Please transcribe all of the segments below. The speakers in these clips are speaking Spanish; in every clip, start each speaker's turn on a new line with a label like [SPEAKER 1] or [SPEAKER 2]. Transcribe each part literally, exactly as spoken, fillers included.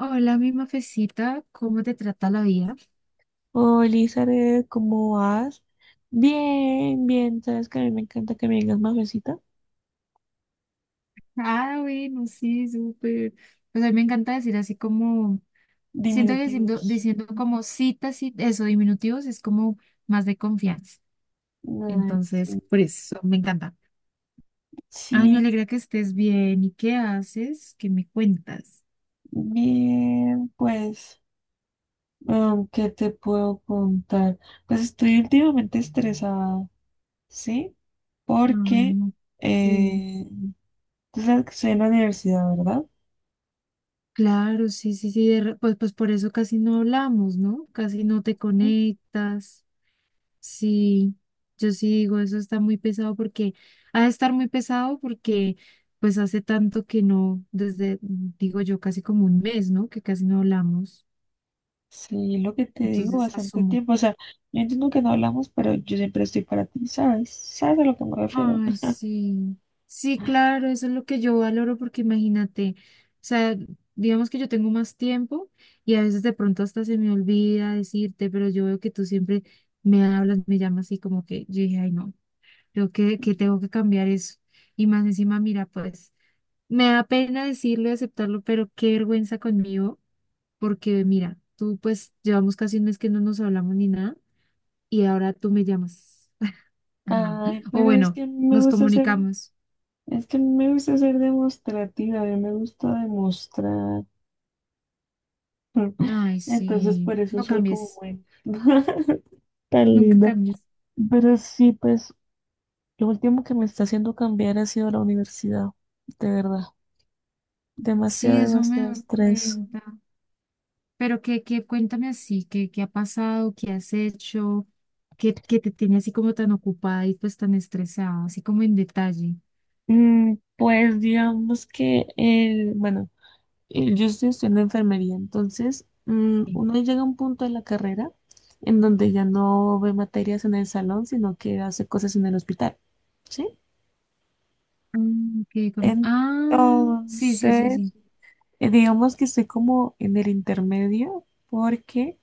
[SPEAKER 1] Hola, mi mafecita, ¿cómo te trata la vida?
[SPEAKER 2] Hola, Elizabeth, ¿cómo vas? Bien, bien, sabes que a mí me encanta que me digas mafecita.
[SPEAKER 1] Ah, bueno, sí, súper. Pues a mí me encanta decir así como, siento que diciendo,
[SPEAKER 2] Diminutivos.
[SPEAKER 1] diciendo como citas y eso, diminutivos, es como más de confianza.
[SPEAKER 2] Ay,
[SPEAKER 1] Entonces,
[SPEAKER 2] sí.
[SPEAKER 1] por eso, me encanta. Ay, me
[SPEAKER 2] Sí,
[SPEAKER 1] alegra que estés bien. ¿Y qué haces? ¿Qué me cuentas?
[SPEAKER 2] bien, pues, um, ¿qué te puedo contar? Pues estoy últimamente estresada, ¿sí?
[SPEAKER 1] Ay,
[SPEAKER 2] Porque
[SPEAKER 1] no. Sí.
[SPEAKER 2] eh, tú sabes que estoy en la universidad, ¿verdad?
[SPEAKER 1] Claro, sí, sí, sí. de re- Pues, pues por eso casi no hablamos, ¿no? Casi no te
[SPEAKER 2] Ujú.
[SPEAKER 1] conectas. Sí, yo sí digo, eso está muy pesado porque ha de estar muy pesado porque pues hace tanto que no, desde, digo yo, casi como un mes, ¿no? Que casi no hablamos.
[SPEAKER 2] Sí, lo que te digo
[SPEAKER 1] Entonces
[SPEAKER 2] bastante
[SPEAKER 1] asumo.
[SPEAKER 2] tiempo. O sea, yo entiendo que no hablamos, pero yo siempre estoy para ti, ¿sabes? ¿Sabes a lo que me refiero?
[SPEAKER 1] Ay, sí. Sí, claro, eso es lo que yo valoro porque imagínate, o sea, digamos que yo tengo más tiempo y a veces de pronto hasta se me olvida decirte, pero yo veo que tú siempre me hablas, me llamas y como que yo dije, ay, no, creo que, que tengo que cambiar eso. Y más encima, mira, pues me da pena decirlo y aceptarlo, pero qué vergüenza conmigo, porque mira, tú pues llevamos casi un mes que no nos hablamos ni nada y ahora tú me llamas. Ajá.
[SPEAKER 2] Ay,
[SPEAKER 1] O
[SPEAKER 2] pero es
[SPEAKER 1] bueno,
[SPEAKER 2] que me
[SPEAKER 1] nos
[SPEAKER 2] gusta ser,
[SPEAKER 1] comunicamos.
[SPEAKER 2] es que me gusta ser demostrativa, a mí me gusta demostrar.
[SPEAKER 1] Ay,
[SPEAKER 2] Entonces,
[SPEAKER 1] sí,
[SPEAKER 2] por eso
[SPEAKER 1] no
[SPEAKER 2] soy como
[SPEAKER 1] cambies,
[SPEAKER 2] buena. Tan
[SPEAKER 1] nunca
[SPEAKER 2] linda.
[SPEAKER 1] cambies.
[SPEAKER 2] Pero sí, pues, lo último que me está haciendo cambiar ha sido la universidad, de verdad.
[SPEAKER 1] Sí,
[SPEAKER 2] Demasiado,
[SPEAKER 1] eso me
[SPEAKER 2] demasiado
[SPEAKER 1] da
[SPEAKER 2] estrés.
[SPEAKER 1] cuenta. Pero que, que cuéntame así, que, qué ha pasado, qué has hecho, que, que te tenía así como tan ocupada y pues tan estresada, así como en detalle.
[SPEAKER 2] Mm, pues digamos que el, bueno. Eh, yo estoy estudiando enfermería, entonces mm,
[SPEAKER 1] Sí.
[SPEAKER 2] uno llega a un punto de la carrera en donde ya no ve materias en el salón, sino que hace cosas en el hospital, ¿sí?
[SPEAKER 1] Ah, ok, como- ah, sí, sí, sí,
[SPEAKER 2] Entonces,
[SPEAKER 1] sí.
[SPEAKER 2] eh, digamos que estoy como en el intermedio porque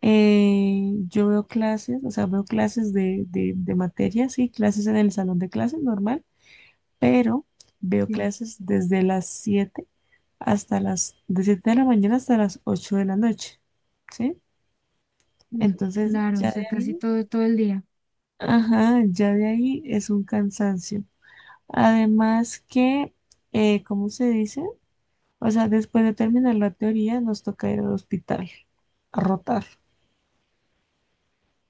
[SPEAKER 2] eh, yo veo clases, o sea, veo clases de, de, de materias, sí, clases en el salón de clases normal, pero veo clases desde las siete hasta las, de siete de la mañana hasta las ocho de la noche, ¿sí?
[SPEAKER 1] Uf,
[SPEAKER 2] Entonces,
[SPEAKER 1] claro, o
[SPEAKER 2] ya de
[SPEAKER 1] sea, casi
[SPEAKER 2] ahí,
[SPEAKER 1] todo, todo el día.
[SPEAKER 2] ajá, ya de ahí es un cansancio. Además que, eh, ¿cómo se dice? O sea, después de terminar la teoría, nos toca ir al hospital a rotar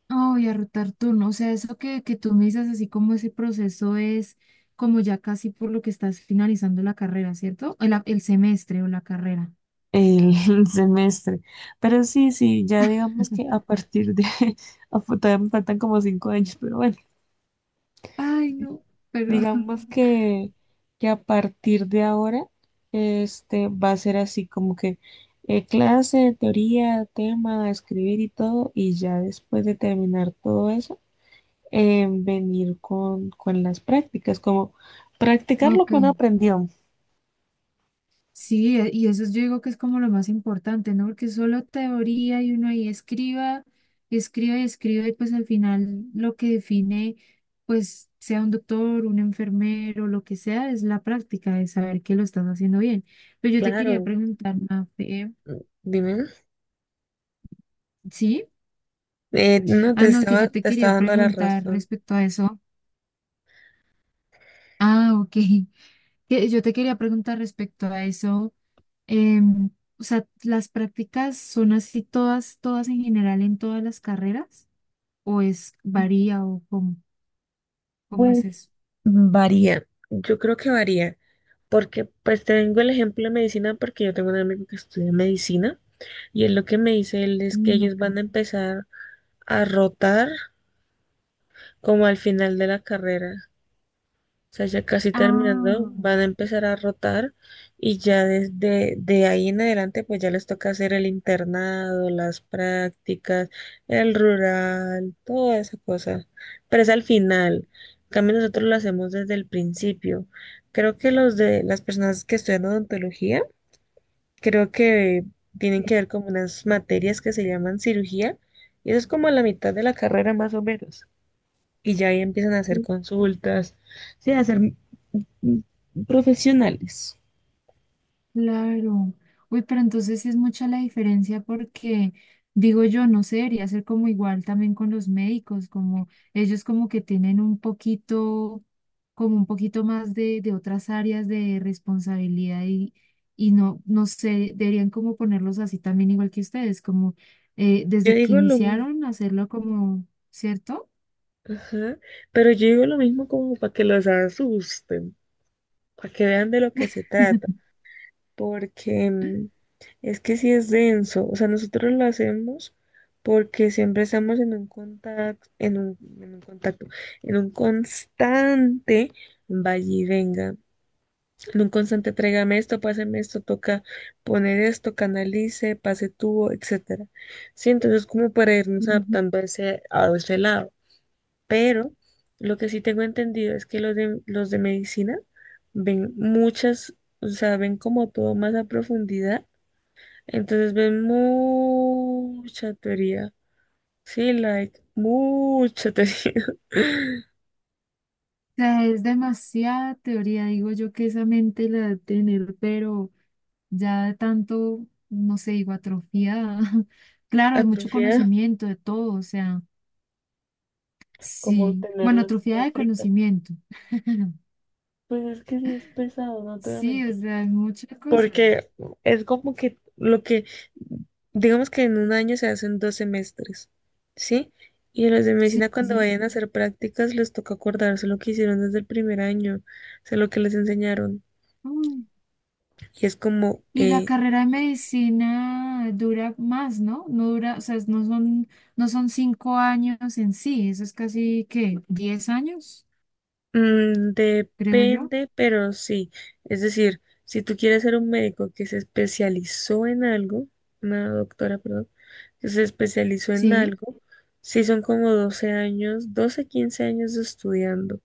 [SPEAKER 1] Oh, y a rotar turno. O sea, eso que, que tú me dices, así como ese proceso es como ya casi por lo que estás finalizando la carrera, ¿cierto? El, el semestre o la carrera.
[SPEAKER 2] el semestre. Pero sí, sí, ya digamos que a partir de, a- todavía me faltan como cinco años, pero bueno.
[SPEAKER 1] Ay, no, pero...
[SPEAKER 2] Digamos que, que a partir de ahora este, va a ser así como que eh, clase, teoría, tema, escribir y todo, y ya después de terminar todo eso, eh, venir con, con las prácticas, como practicar lo
[SPEAKER 1] Ok.
[SPEAKER 2] que uno aprendió.
[SPEAKER 1] Sí, e- y eso yo digo que es como lo más importante, ¿no? Porque solo teoría y uno ahí escriba, escriba y escriba y pues al final lo que define, pues sea un doctor, un enfermero, lo que sea, es la práctica de saber que lo estás haciendo bien. Pero yo te quería
[SPEAKER 2] Claro,
[SPEAKER 1] preguntar, Mafe,
[SPEAKER 2] mm, dime.
[SPEAKER 1] ¿sí?
[SPEAKER 2] Eh, no, te
[SPEAKER 1] Ah, no, que
[SPEAKER 2] estaba,
[SPEAKER 1] yo te
[SPEAKER 2] te estaba
[SPEAKER 1] quería
[SPEAKER 2] dando la
[SPEAKER 1] preguntar
[SPEAKER 2] razón.
[SPEAKER 1] respecto a eso. Ah, ok. Que yo te quería preguntar respecto a eso. Em, o sea, ¿las prácticas son así todas, todas en general en todas las carreras? ¿O es varía o cómo, cómo es
[SPEAKER 2] Pues
[SPEAKER 1] eso?
[SPEAKER 2] varía, yo creo que varía, porque pues te vengo el ejemplo de medicina porque yo tengo un amigo que estudia medicina. Y es lo que me dice él, es que
[SPEAKER 1] Mm,
[SPEAKER 2] ellos
[SPEAKER 1] ok.
[SPEAKER 2] van a empezar a rotar como al final de la carrera. O sea, ya casi terminando,
[SPEAKER 1] Ah,
[SPEAKER 2] van a empezar a rotar y ya desde de ahí en adelante, pues ya les toca hacer el internado, las prácticas, el rural, toda esa cosa. Pero es al final. En cambio, nosotros lo hacemos desde el principio. Creo que los de las personas que estudian odontología creo que tienen que
[SPEAKER 1] sí.
[SPEAKER 2] ver como unas materias que se llaman cirugía, y eso es como a la mitad de la carrera más o menos. Y ya ahí empiezan a hacer consultas, sí, a ser mm, profesionales.
[SPEAKER 1] Claro. Uy, pero entonces sí es mucha la diferencia porque, digo yo, no sé, debería ser como igual también con los médicos, como ellos como que tienen un poquito, como un poquito más de, de, otras áreas de responsabilidad y, y no, no sé, deberían como ponerlos así también igual que ustedes, como eh,
[SPEAKER 2] Yo
[SPEAKER 1] desde que
[SPEAKER 2] digo lo mismo,
[SPEAKER 1] iniciaron hacerlo como, ¿cierto?
[SPEAKER 2] ajá, pero yo digo lo mismo como para que los asusten, para que vean de lo que se trata. Porque mm, es que sí es denso, o sea, nosotros lo hacemos porque siempre estamos en un contacto, en un, en un contacto, en un constante vaya y venga, en un constante tráigame esto, páseme esto, toca poner esto, canalice, pase tubo, etcétera. Sí, entonces como para irnos
[SPEAKER 1] Ujú.
[SPEAKER 2] adaptando a ese, a ese lado, pero lo que sí tengo entendido es que los de, los de medicina ven muchas, o sea, ven como todo más a profundidad, entonces ven mucha teoría. Sí, like, mucha teoría.
[SPEAKER 1] O sea, es demasiada teoría, digo yo que esa mente la debe tener, pero... ya de tanto, no sé, digo, atrofiada. Claro, de mucho
[SPEAKER 2] Atrofiada,
[SPEAKER 1] conocimiento, de todo, o sea,
[SPEAKER 2] como
[SPEAKER 1] sí. Bueno,
[SPEAKER 2] tenerla de
[SPEAKER 1] atrofiada de
[SPEAKER 2] frita.
[SPEAKER 1] conocimiento.
[SPEAKER 2] Pues es que sí es pesado, no te voy a
[SPEAKER 1] Sí, o
[SPEAKER 2] mentir.
[SPEAKER 1] sea, es mucha cosa.
[SPEAKER 2] Porque es como que lo que, digamos que en un año se hacen dos semestres, ¿sí? Y los de
[SPEAKER 1] Sí,
[SPEAKER 2] medicina cuando
[SPEAKER 1] sí.
[SPEAKER 2] vayan a hacer prácticas les toca acordarse lo que hicieron desde el primer año, o sea, lo que les enseñaron.
[SPEAKER 1] Uy.
[SPEAKER 2] Y es como,
[SPEAKER 1] Y la
[SPEAKER 2] eh,
[SPEAKER 1] carrera de medicina dura más, ¿no? No dura, o sea, no son, no son, cinco años en sí, eso es casi, ¿qué? ¿Diez años?
[SPEAKER 2] mm,
[SPEAKER 1] Creo yo.
[SPEAKER 2] depende, pero sí. Es decir, si tú quieres ser un médico que se especializó en algo, una doctora, perdón, que se especializó en
[SPEAKER 1] Sí.
[SPEAKER 2] algo, sí son como doce años, doce quince años estudiando,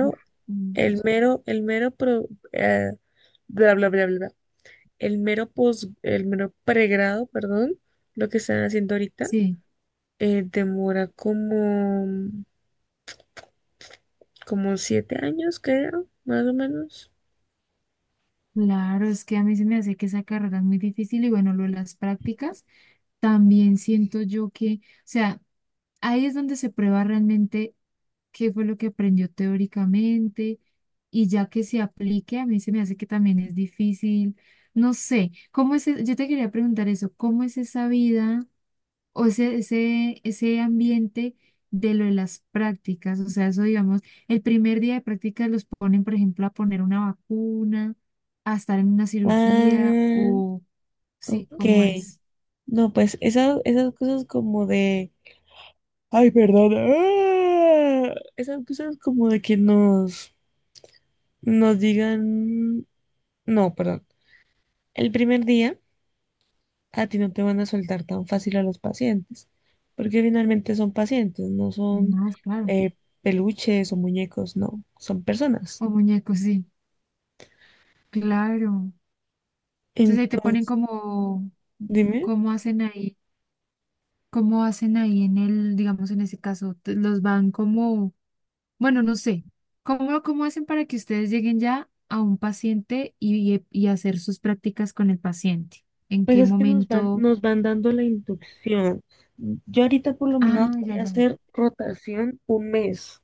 [SPEAKER 1] Uf, mm,
[SPEAKER 2] el mero, el mero, pro- eh, bla, bla, bla, bla, bla, el mero pos, el mero pregrado, perdón, lo que están haciendo ahorita,
[SPEAKER 1] sí.
[SPEAKER 2] eh, demora como, como siete años, creo, más o menos.
[SPEAKER 1] Claro, es que a mí se me hace que esa carrera es muy difícil y bueno, lo de las prácticas, también siento yo que, o sea, ahí es donde se prueba realmente qué fue lo que aprendió teóricamente y ya que se aplique, a mí se me hace que también es difícil, no sé, ¿cómo es? E- yo te quería preguntar eso, ¿cómo es esa vida? ¿O ese, ese, ese ambiente de lo de las prácticas? O sea, eso digamos, el primer día de prácticas los ponen, por ejemplo, a poner una vacuna, a estar en una cirugía,
[SPEAKER 2] Ah,
[SPEAKER 1] o sí,
[SPEAKER 2] ok.
[SPEAKER 1] ¿cómo es?
[SPEAKER 2] No, pues esas, esas cosas como de... Ay, perdón. ah, Esas cosas como de que nos, nos digan... No, perdón. El primer día a ti no te van a soltar tan fácil a los pacientes, porque finalmente son pacientes, no son
[SPEAKER 1] No, claro,
[SPEAKER 2] eh, peluches o muñecos, no, son personas.
[SPEAKER 1] o muñecos, sí, claro. Entonces ahí te ponen
[SPEAKER 2] Entonces,
[SPEAKER 1] como,
[SPEAKER 2] dime.
[SPEAKER 1] cómo hacen ahí, cómo hacen ahí en el, digamos, en ese caso, te- los van como... Bueno, no sé. ¿Cómo, cómo hacen para que ustedes lleguen ya a un paciente y, y- y hacer sus prácticas con el paciente? ¿En
[SPEAKER 2] Pues
[SPEAKER 1] qué
[SPEAKER 2] es que nos van,
[SPEAKER 1] momento?
[SPEAKER 2] nos van dando la inducción. Yo ahorita por lo menos
[SPEAKER 1] Ah,
[SPEAKER 2] voy
[SPEAKER 1] ya,
[SPEAKER 2] a
[SPEAKER 1] ya.
[SPEAKER 2] hacer rotación un mes.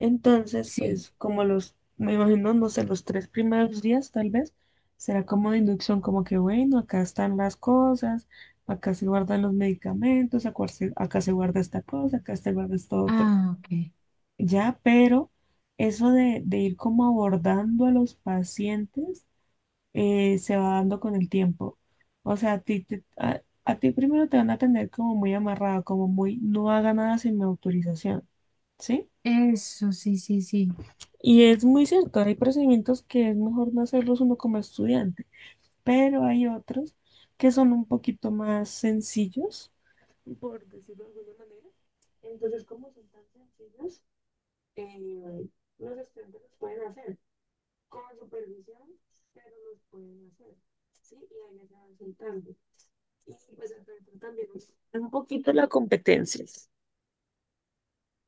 [SPEAKER 2] Entonces,
[SPEAKER 1] Sí.
[SPEAKER 2] pues como los, me imagino, no sé, los tres primeros días tal vez, será como de inducción, como que bueno, acá están las cosas, acá se guardan los medicamentos, acá se, acá se guarda esta cosa, acá se guarda esto otro.
[SPEAKER 1] Ah, ok.
[SPEAKER 2] Ya, pero eso de, de ir como abordando a los pacientes eh, se va dando con el tiempo. O sea, a ti, te- a, a ti primero te van a tener como muy amarrado, como muy, no haga nada sin mi autorización, ¿sí?
[SPEAKER 1] Eso, sí, sí, sí.
[SPEAKER 2] Y es muy cierto, hay procedimientos que es mejor no hacerlos uno como estudiante, pero hay otros que son un poquito más sencillos, por decirlo de alguna manera. Entonces, como son tan sencillos, eh, los estudiantes los pueden hacer con supervisión, pero los pueden hacer, ¿sí? Y ahí les van soltando. Y pues entonces también un poquito la competencia.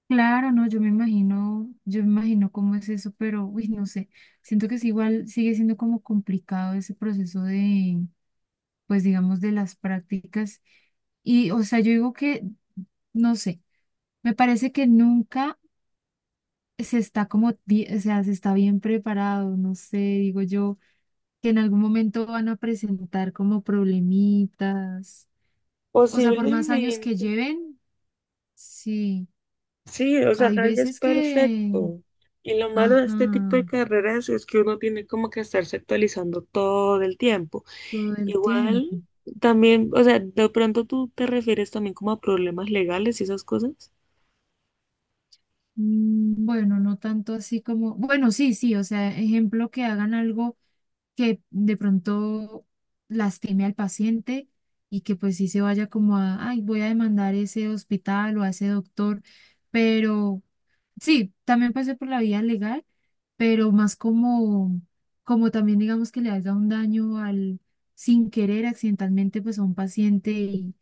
[SPEAKER 1] Claro, no, yo me imagino, yo me imagino cómo es eso, pero, uy, no sé. Siento que es igual, sigue siendo como complicado ese proceso de, pues, digamos, de las prácticas. Y, o sea, yo digo que, no sé, me parece que nunca se está como, bi- o sea, se está bien preparado, no sé, digo yo, que en algún momento van a presentar como problemitas. O sea, por más años que
[SPEAKER 2] Posiblemente,
[SPEAKER 1] lleven, sí,
[SPEAKER 2] sí, o sea,
[SPEAKER 1] hay
[SPEAKER 2] nadie es
[SPEAKER 1] veces que,
[SPEAKER 2] perfecto. Y lo malo de este tipo de
[SPEAKER 1] ajá,
[SPEAKER 2] carreras es que uno tiene como que estarse actualizando todo el tiempo.
[SPEAKER 1] todo el
[SPEAKER 2] Igual,
[SPEAKER 1] tiempo.
[SPEAKER 2] también, o sea, de pronto tú te refieres también como a problemas legales y esas cosas.
[SPEAKER 1] Mm, Bueno, no tanto así como, bueno, sí, sí, o sea, ejemplo que hagan algo que de pronto lastime al paciente y que pues sí se vaya como a, ay, voy a demandar ese hospital o a ese doctor, pero... Sí, también pasé por la vía legal, pero más como, como, también digamos que le haga un daño al, sin querer, accidentalmente, pues a un paciente y,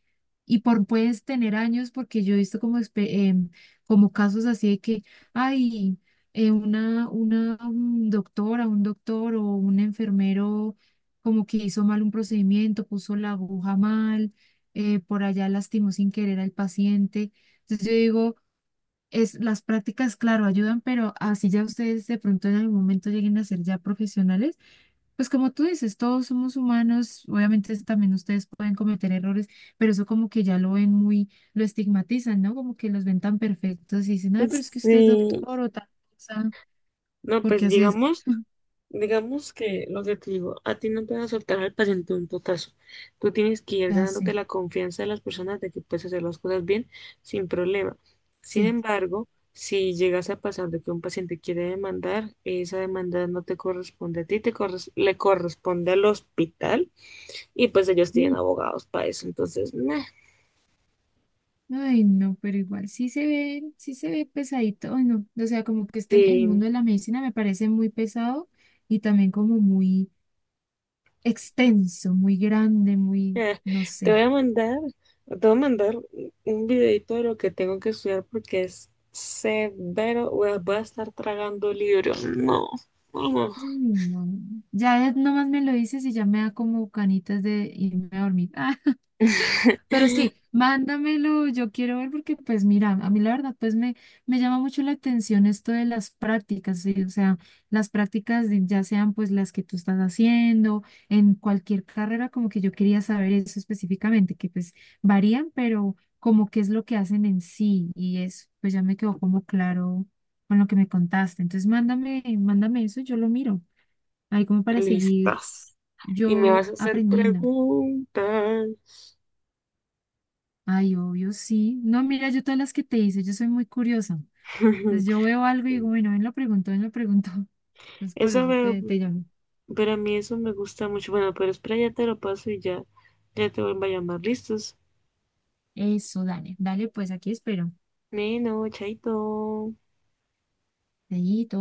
[SPEAKER 1] y por puedes tener años, porque yo he visto como, espe- em, como casos así de que, ay, eh, una, una un doctora, un doctor o un enfermero como que hizo mal un procedimiento, puso la aguja mal, eh, por allá lastimó sin querer al paciente. Entonces yo digo es, las prácticas, claro, ayudan, pero así ya ustedes de pronto en algún momento lleguen a ser ya profesionales, pues como tú dices, todos somos humanos, obviamente es- también ustedes pueden cometer errores, pero eso como que ya lo ven muy, lo estigmatizan, ¿no? Como que los ven tan perfectos y dicen, ay, pero es que usted es
[SPEAKER 2] Sí,
[SPEAKER 1] doctor o tal cosa,
[SPEAKER 2] no,
[SPEAKER 1] ¿por
[SPEAKER 2] pues
[SPEAKER 1] qué hace esto?
[SPEAKER 2] digamos, digamos que lo que te digo, a ti no te van a soltar al paciente un totazo. Tú tienes que ir ganándote
[SPEAKER 1] Hace,
[SPEAKER 2] la confianza de las personas de que puedes hacer las cosas bien sin problema. Sin
[SPEAKER 1] sí.
[SPEAKER 2] embargo, si llegas a pasar de que un paciente quiere demandar, esa demanda no te corresponde a ti, te corres- le corresponde al hospital y pues ellos
[SPEAKER 1] Sí.
[SPEAKER 2] tienen
[SPEAKER 1] Mm,
[SPEAKER 2] abogados para eso. Entonces, nah.
[SPEAKER 1] ay, no, pero igual sí se ve, sí se ve pesadito, ay, no, o sea, como que este, el mundo de la medicina me parece muy pesado y también como muy extenso, muy grande, muy,
[SPEAKER 2] Ah,
[SPEAKER 1] no
[SPEAKER 2] te
[SPEAKER 1] sé.
[SPEAKER 2] voy a mandar, te voy a mandar un videito de lo que tengo que estudiar porque es severo. Voy a voy a estar tragando libros. No, no, no.
[SPEAKER 1] Mm, no. Ya nomás me lo dices y ya me da como canitas de irme a dormir. Pero sí, mándamelo, yo quiero ver porque pues mira, a mí la verdad pues me, me, llama mucho la atención esto de las prácticas, ¿sí? O sea, las prácticas de- ya sean pues las que tú estás haciendo, en cualquier carrera, como que yo quería saber eso específicamente, que pues varían, pero como qué es lo que hacen en sí y eso, pues ya me quedó como claro con lo que me contaste. Entonces mándame, mándame eso, yo lo miro, ahí como para seguir
[SPEAKER 2] Listas. Y me
[SPEAKER 1] yo
[SPEAKER 2] vas a hacer
[SPEAKER 1] aprendiendo.
[SPEAKER 2] preguntas.
[SPEAKER 1] Ay, obvio, sí. No, mira, yo todas las que te hice, yo soy muy curiosa. Entonces yo veo algo y digo,
[SPEAKER 2] Sí.
[SPEAKER 1] bueno, ven, lo pregunto, ven, lo pregunto. Entonces por
[SPEAKER 2] Eso
[SPEAKER 1] eso
[SPEAKER 2] veo,
[SPEAKER 1] te, te llamo.
[SPEAKER 2] pero a mí eso me gusta mucho. Bueno, pero espera, ya te lo paso y ya, ya te vuelvo a llamar. ¿Listos?
[SPEAKER 1] Eso, dale, dale, pues aquí espero.
[SPEAKER 2] Bueno, chaito.
[SPEAKER 1] Dedito.